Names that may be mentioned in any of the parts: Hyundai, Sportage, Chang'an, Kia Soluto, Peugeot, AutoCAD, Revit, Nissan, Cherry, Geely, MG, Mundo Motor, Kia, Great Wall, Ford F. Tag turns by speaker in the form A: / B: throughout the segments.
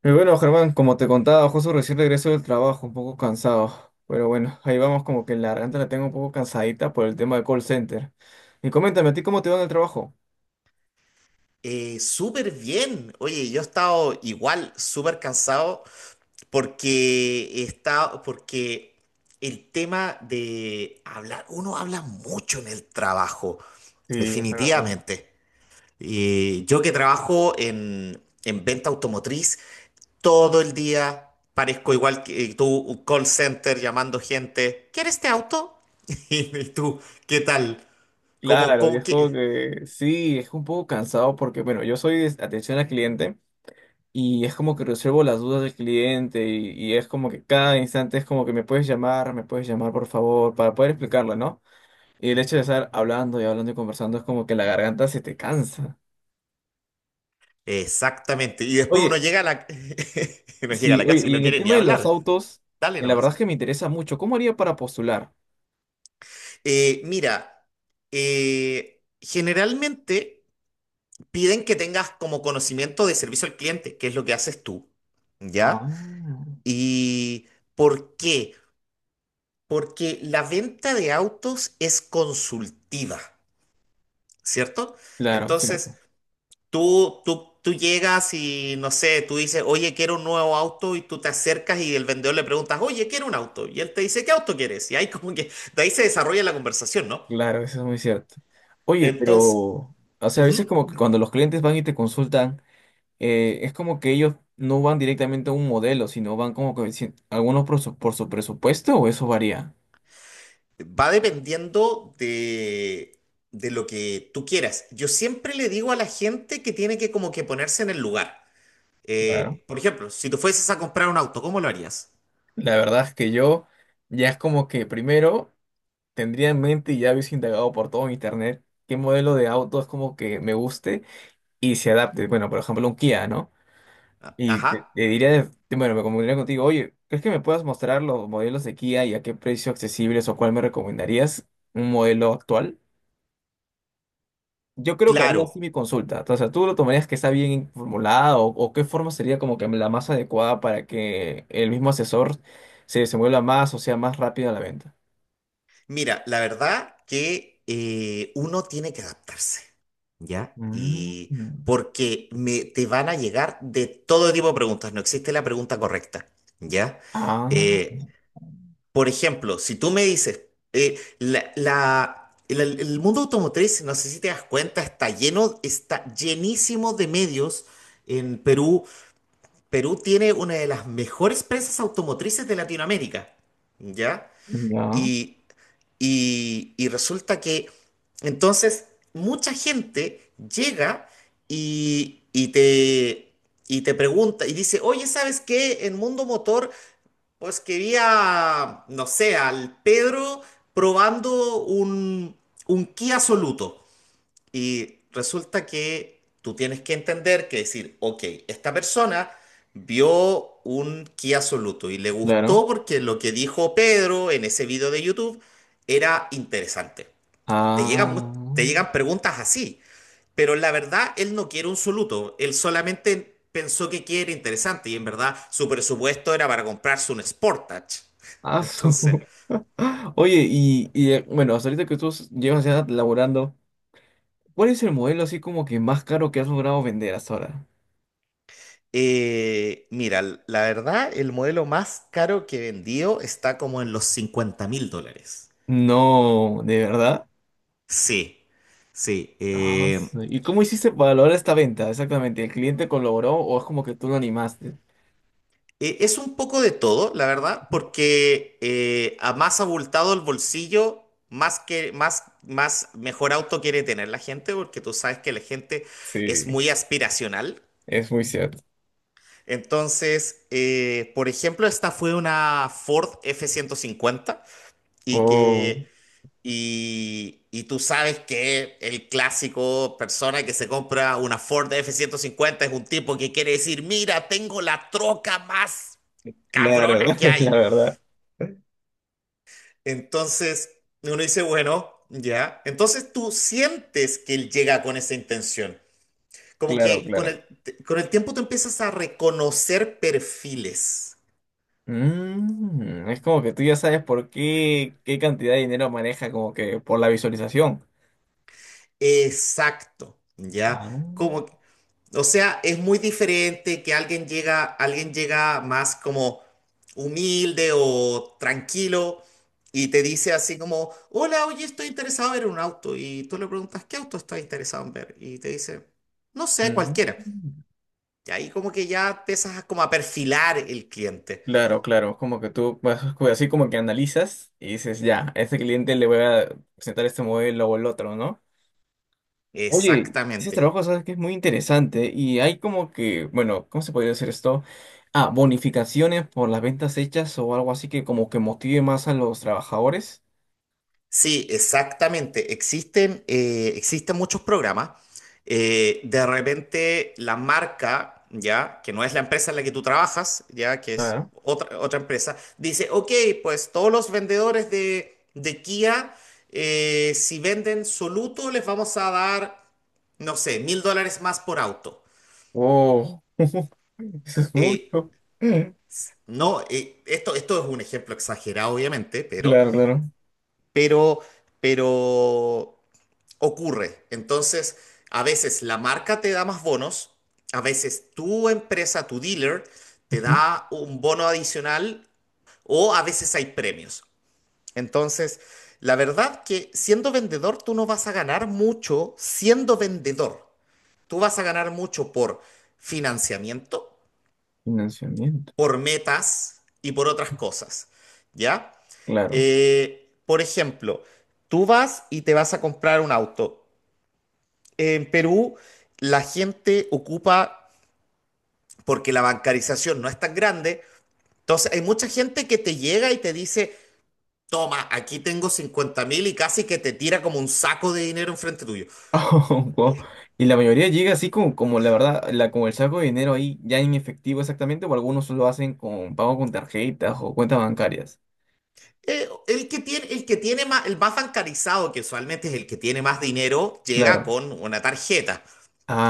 A: Pero bueno, Germán, como te contaba, justo recién regreso del trabajo, un poco cansado. Pero bueno, ahí vamos, como que la garganta la tengo un poco cansadita por el tema del call center. Y coméntame, ¿a ti cómo te va en el trabajo?
B: Súper bien. Oye, yo he estado igual, súper cansado, porque el tema de hablar, uno habla mucho en el trabajo,
A: Sí, es la verdad.
B: definitivamente. Yo que trabajo en venta automotriz, todo el día parezco igual que tú, un call center llamando gente, ¿quieres este auto? Y tú, ¿qué tal? ¿Cómo,
A: Claro, y
B: cómo,
A: es como
B: qué?
A: que sí, es un poco cansado porque, bueno, yo soy de atención al cliente y es como que resuelvo las dudas del cliente y es como que cada instante es como que me puedes llamar por favor, para poder explicarlo, ¿no? Y el hecho de estar hablando y hablando y conversando es como que la garganta se te cansa.
B: Exactamente. Y después
A: Oye.
B: uno llega a la, uno llega a
A: Sí,
B: la
A: oye,
B: casa y
A: y
B: no
A: en el
B: quiere ni
A: tema de los
B: hablar.
A: autos,
B: Dale
A: la
B: nomás.
A: verdad es que me interesa mucho. ¿Cómo haría para postular?
B: Mira, generalmente piden que tengas como conocimiento de servicio al cliente, que es lo que haces tú, ¿ya?
A: Ah.
B: ¿Y por qué? Porque la venta de autos es consultiva, ¿cierto?
A: Claro,
B: Entonces,
A: cierto.
B: tú llegas y no sé, tú dices, oye, quiero un nuevo auto y tú te acercas y el vendedor le preguntas, oye, quiero un auto. Y él te dice, ¿qué auto quieres? Y ahí como que de ahí se desarrolla la conversación, ¿no?
A: Claro, eso es muy cierto. Oye,
B: Entonces,
A: pero, o sea, a veces
B: ujú,
A: como que cuando los clientes van y te consultan, es como que ellos no van directamente a un modelo, sino van como que algunos por su presupuesto o eso varía.
B: va dependiendo de lo que tú quieras. Yo siempre le digo a la gente que tiene que como que ponerse en el lugar.
A: Claro.
B: Por ejemplo, si tú fueses a comprar un auto, ¿cómo lo harías?
A: La verdad es que yo ya es como que primero tendría en mente y ya hubiese indagado por todo internet qué modelo de auto es como que me guste y se adapte. Bueno, por ejemplo, un Kia, ¿no? Y
B: Ajá,
A: te diría, bueno, me comunicaría contigo, oye, ¿crees que me puedas mostrar los modelos de Kia y a qué precio accesibles o cuál me recomendarías un modelo actual? Yo creo que haría así
B: claro.
A: mi consulta. O sea, ¿tú lo tomarías que está bien formulada o qué forma sería como que la más adecuada para que el mismo asesor se desenvuelva más o sea más rápido a la venta?
B: Mira, la verdad que uno tiene que adaptarse. ¿Ya?
A: Mm.
B: Y porque te van a llegar de todo tipo de preguntas, no existe la pregunta correcta, ¿ya?
A: Ah,
B: Eh, por ejemplo, si tú me dices, eh, la, la- el mundo automotriz, no sé si te das cuenta, está lleno, está llenísimo de medios en Perú. Perú tiene una de las mejores prensas automotrices de Latinoamérica, ¿ya?
A: ya,
B: Y y resulta que entonces mucha gente llega y, y te, y te pregunta y dice, oye, ¿sabes qué? En Mundo Motor, pues quería, no sé, al Pedro probando un Kia Soluto. Y resulta que tú tienes que entender que decir, ok, esta persona vio un Kia Soluto y le
A: claro.
B: gustó porque lo que dijo Pedro en ese video de YouTube era interesante. Te llegan,
A: Ah,
B: mu- te llegan preguntas así, pero la verdad él no quiere un Soluto, él solamente pensó que quiere interesante y en verdad su presupuesto era para comprarse un Sportage.
A: ah, su.
B: Entonces...
A: Oye, y bueno, hasta ahorita que tú llevas ya laborando, ¿cuál es el modelo así como que más caro que has logrado vender hasta ahora?
B: Mira, la verdad, el modelo más caro que he vendido está como en los $50,000.
A: No, ¿de verdad?
B: Sí, sí.
A: Ah, sí. ¿Y cómo hiciste para lograr esta venta? Exactamente, ¿el cliente colaboró o es como que tú lo animaste?
B: Es un poco de todo, la verdad, porque a más abultado el bolsillo, más mejor auto quiere tener la gente, porque tú sabes que la gente es
A: Sí,
B: muy aspiracional.
A: es muy cierto.
B: Entonces, por ejemplo, esta fue una Ford F-150 y
A: Oh,
B: que y tú sabes que el clásico persona que se compra una Ford F-150 es un tipo que quiere decir, mira, tengo la troca más
A: claro,
B: cabrona que
A: la
B: hay.
A: verdad.
B: Entonces uno dice, bueno, ya. Entonces tú sientes que él llega con esa intención. Como
A: Claro,
B: que con
A: claro.
B: el, con el tiempo tú empiezas a reconocer perfiles.
A: Mm, es como que tú ya sabes por qué, qué cantidad de dinero maneja, como que por la visualización.
B: Exacto, ¿ya?
A: Ah.
B: Como, o sea, es muy diferente que alguien llega más como humilde o tranquilo y te dice así como, hola, oye, estoy interesado en ver un auto. Y tú le preguntas, ¿qué auto estás interesado en ver? Y te dice, no sé, cualquiera.
A: Mm.
B: Y ahí como que ya empiezas a como a perfilar el cliente.
A: Claro, claro, como que tú vas así como que analizas y dices, ya, a este cliente le voy a presentar este modelo o el otro, ¿no? Oye, ese
B: Exactamente.
A: trabajo, sabes que es muy interesante y hay como que, bueno, ¿cómo se podría decir esto? Ah, bonificaciones por las ventas hechas o algo así que como que motive más a los trabajadores.
B: Sí, exactamente. Existen muchos programas. De repente la marca, ya, que no es la empresa en la que tú trabajas, ya, que es
A: Claro.
B: otra empresa, dice, ok, pues todos los vendedores de Kia, si venden Soluto, les vamos a dar, no sé, $1,000 más por auto.
A: Oh, eso es
B: Eh,
A: mucho.
B: no, esto es un ejemplo exagerado, obviamente, pero,
A: Claro, claro.
B: pero, pero ocurre. Entonces, a veces la marca te da más bonos, a veces tu empresa, tu dealer, te
A: Ujú.
B: da un bono adicional o a veces hay premios. Entonces, la verdad que siendo vendedor tú no vas a ganar mucho siendo vendedor. Tú vas a ganar mucho por financiamiento,
A: Financiamiento,
B: por metas y por otras cosas. ¿Ya?
A: claro.
B: Por ejemplo, tú vas y te vas a comprar un auto. En Perú la gente ocupa, porque la bancarización no es tan grande, entonces hay mucha gente que te llega y te dice, toma, aquí tengo 50,000 y casi que te tira como un saco de dinero enfrente tuyo.
A: Wow. Y la mayoría llega así como, como la verdad, la, como el saco de dinero ahí ya en efectivo exactamente, o algunos lo hacen con pago con tarjetas o cuentas bancarias.
B: El que tiene más, el más bancarizado, que usualmente es el que tiene más dinero, llega
A: Claro.
B: con una tarjeta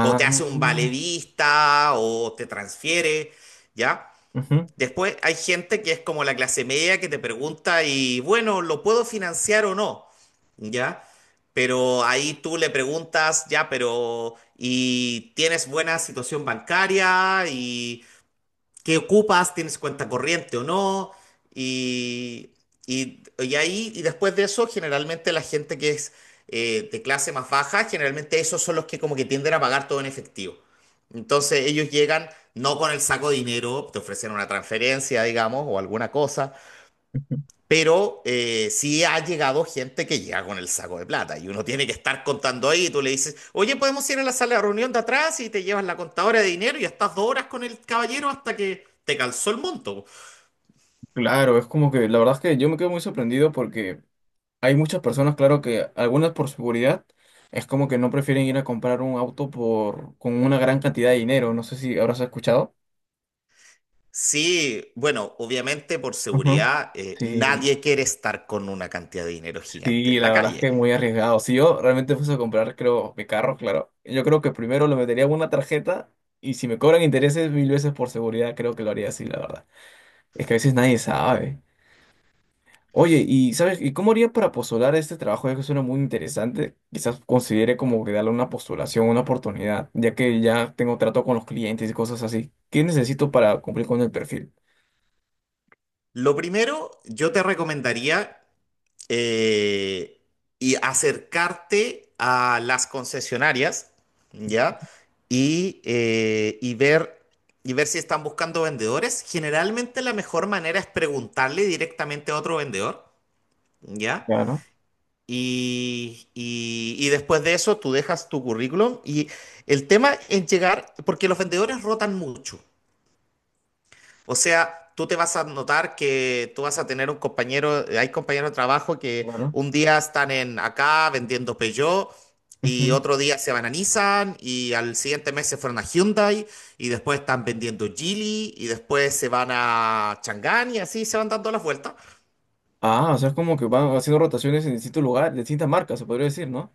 B: o te hace un vale vista o te transfiere, ¿ya?
A: Ujú.
B: Después hay gente que es como la clase media que te pregunta y bueno, ¿lo puedo financiar o no? ¿Ya? Pero ahí tú le preguntas, ya, pero ¿y tienes buena situación bancaria? ¿Y qué ocupas, tienes cuenta corriente o no, y, y ahí, y después de eso, generalmente la gente que es de clase más baja, generalmente esos son los que como que tienden a pagar todo en efectivo. Entonces ellos llegan no con el saco de dinero, te ofrecen una transferencia, digamos, o alguna cosa, pero sí ha llegado gente que llega con el saco de plata y uno tiene que estar contando ahí y tú le dices, oye, podemos ir a la sala de reunión de atrás y te llevas la contadora de dinero y estás 2 horas con el caballero hasta que te calzó el monto.
A: Claro, es como que la verdad es que yo me quedo muy sorprendido porque hay muchas personas, claro que algunas por seguridad, es como que no prefieren ir a comprar un auto por con una gran cantidad de dinero. No sé si habrás escuchado.
B: Sí, bueno, obviamente por
A: Ujú.
B: seguridad,
A: Sí.
B: nadie quiere estar con una cantidad de dinero gigante
A: Sí,
B: en la
A: la verdad es que
B: calle.
A: es muy arriesgado. Si yo realmente fuese a comprar, creo, mi carro, claro, yo creo que primero lo metería en una tarjeta y si me cobran intereses mil veces por seguridad, creo que lo haría así, la verdad. Es que a veces nadie sabe. Oye, ¿y sabes? ¿Y cómo haría para postular a este trabajo? Ya que suena muy interesante. Quizás considere como que darle una postulación, una oportunidad, ya que ya tengo trato con los clientes y cosas así. ¿Qué necesito para cumplir con el perfil?
B: Lo primero, yo te recomendaría, eh, y acercarte a las concesionarias, ¿ya? Y, eh, y ver, y ver si están buscando vendedores. Generalmente la mejor manera es preguntarle directamente a otro vendedor, ¿ya?
A: Claro,
B: Y después de eso tú dejas tu currículum y el tema es llegar, porque los vendedores rotan mucho, o sea, tú te vas a notar que tú vas a tener un compañero, hay compañeros de trabajo que
A: claro.
B: un día están en acá vendiendo Peugeot y
A: Ujú.
B: otro día se van a Nissan y al siguiente mes se fueron a Hyundai y después están vendiendo Geely y después se van a Chang'an y así se van dando las vueltas.
A: Ah, o sea, es como que van haciendo rotaciones en distintos lugares, distintas marcas, se podría decir, ¿no?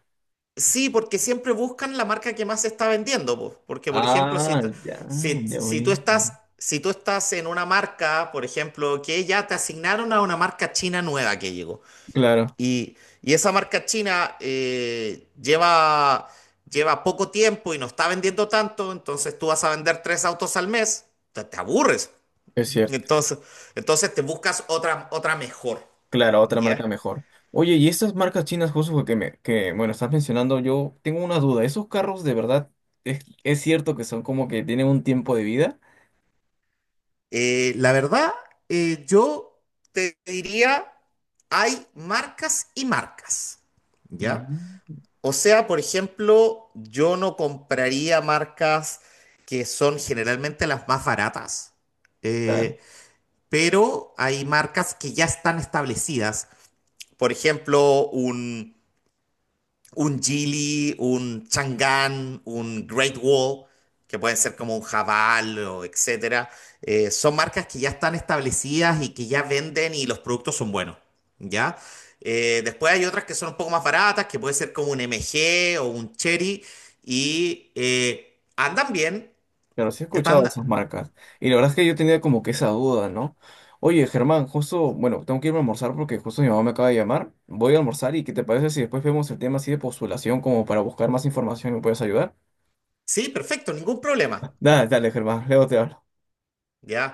B: Sí, porque siempre buscan la marca que más se está vendiendo, po. Porque, por ejemplo,
A: Ah, ya,
B: si,
A: ya
B: si tú
A: voy.
B: estás, si tú estás en una marca, por ejemplo, que ya te asignaron a una marca china nueva que llegó.
A: Claro,
B: Y esa marca china lleva poco tiempo y no está vendiendo tanto, entonces tú vas a vender tres autos al mes, te aburres.
A: es cierto.
B: Entonces, entonces te buscas otra mejor,
A: Claro, otra marca
B: ¿ya?
A: mejor. Oye, y estas marcas chinas, justo que me, que, bueno, estás mencionando, yo tengo una duda. ¿Esos carros de verdad es cierto que son como que tienen un tiempo de vida?
B: La verdad, yo te diría, hay marcas y marcas, ¿ya?
A: Mm.
B: O sea, por ejemplo, yo no compraría marcas que son generalmente las más baratas.
A: Claro,
B: Eh, pero hay marcas que ya están establecidas. Por ejemplo, un Geely, un Chang'an, un Great Wall, que pueden ser como un javal o etcétera. Son marcas que ya están establecidas y que ya venden y los productos son buenos, ¿ya? Después hay otras que son un poco más baratas, que puede ser como un MG o un Cherry y andan bien,
A: pero sí he escuchado
B: están,
A: de esas marcas. Y la verdad es que yo tenía como que esa duda, ¿no? Oye, Germán, justo, bueno, tengo que irme a almorzar porque justo mi mamá me acaba de llamar. Voy a almorzar y ¿qué te parece si después vemos el tema así de postulación como para buscar más información y me puedes ayudar?
B: sí, perfecto, ningún problema.
A: Dale, dale, Germán, luego te hablo.
B: ¿Ya?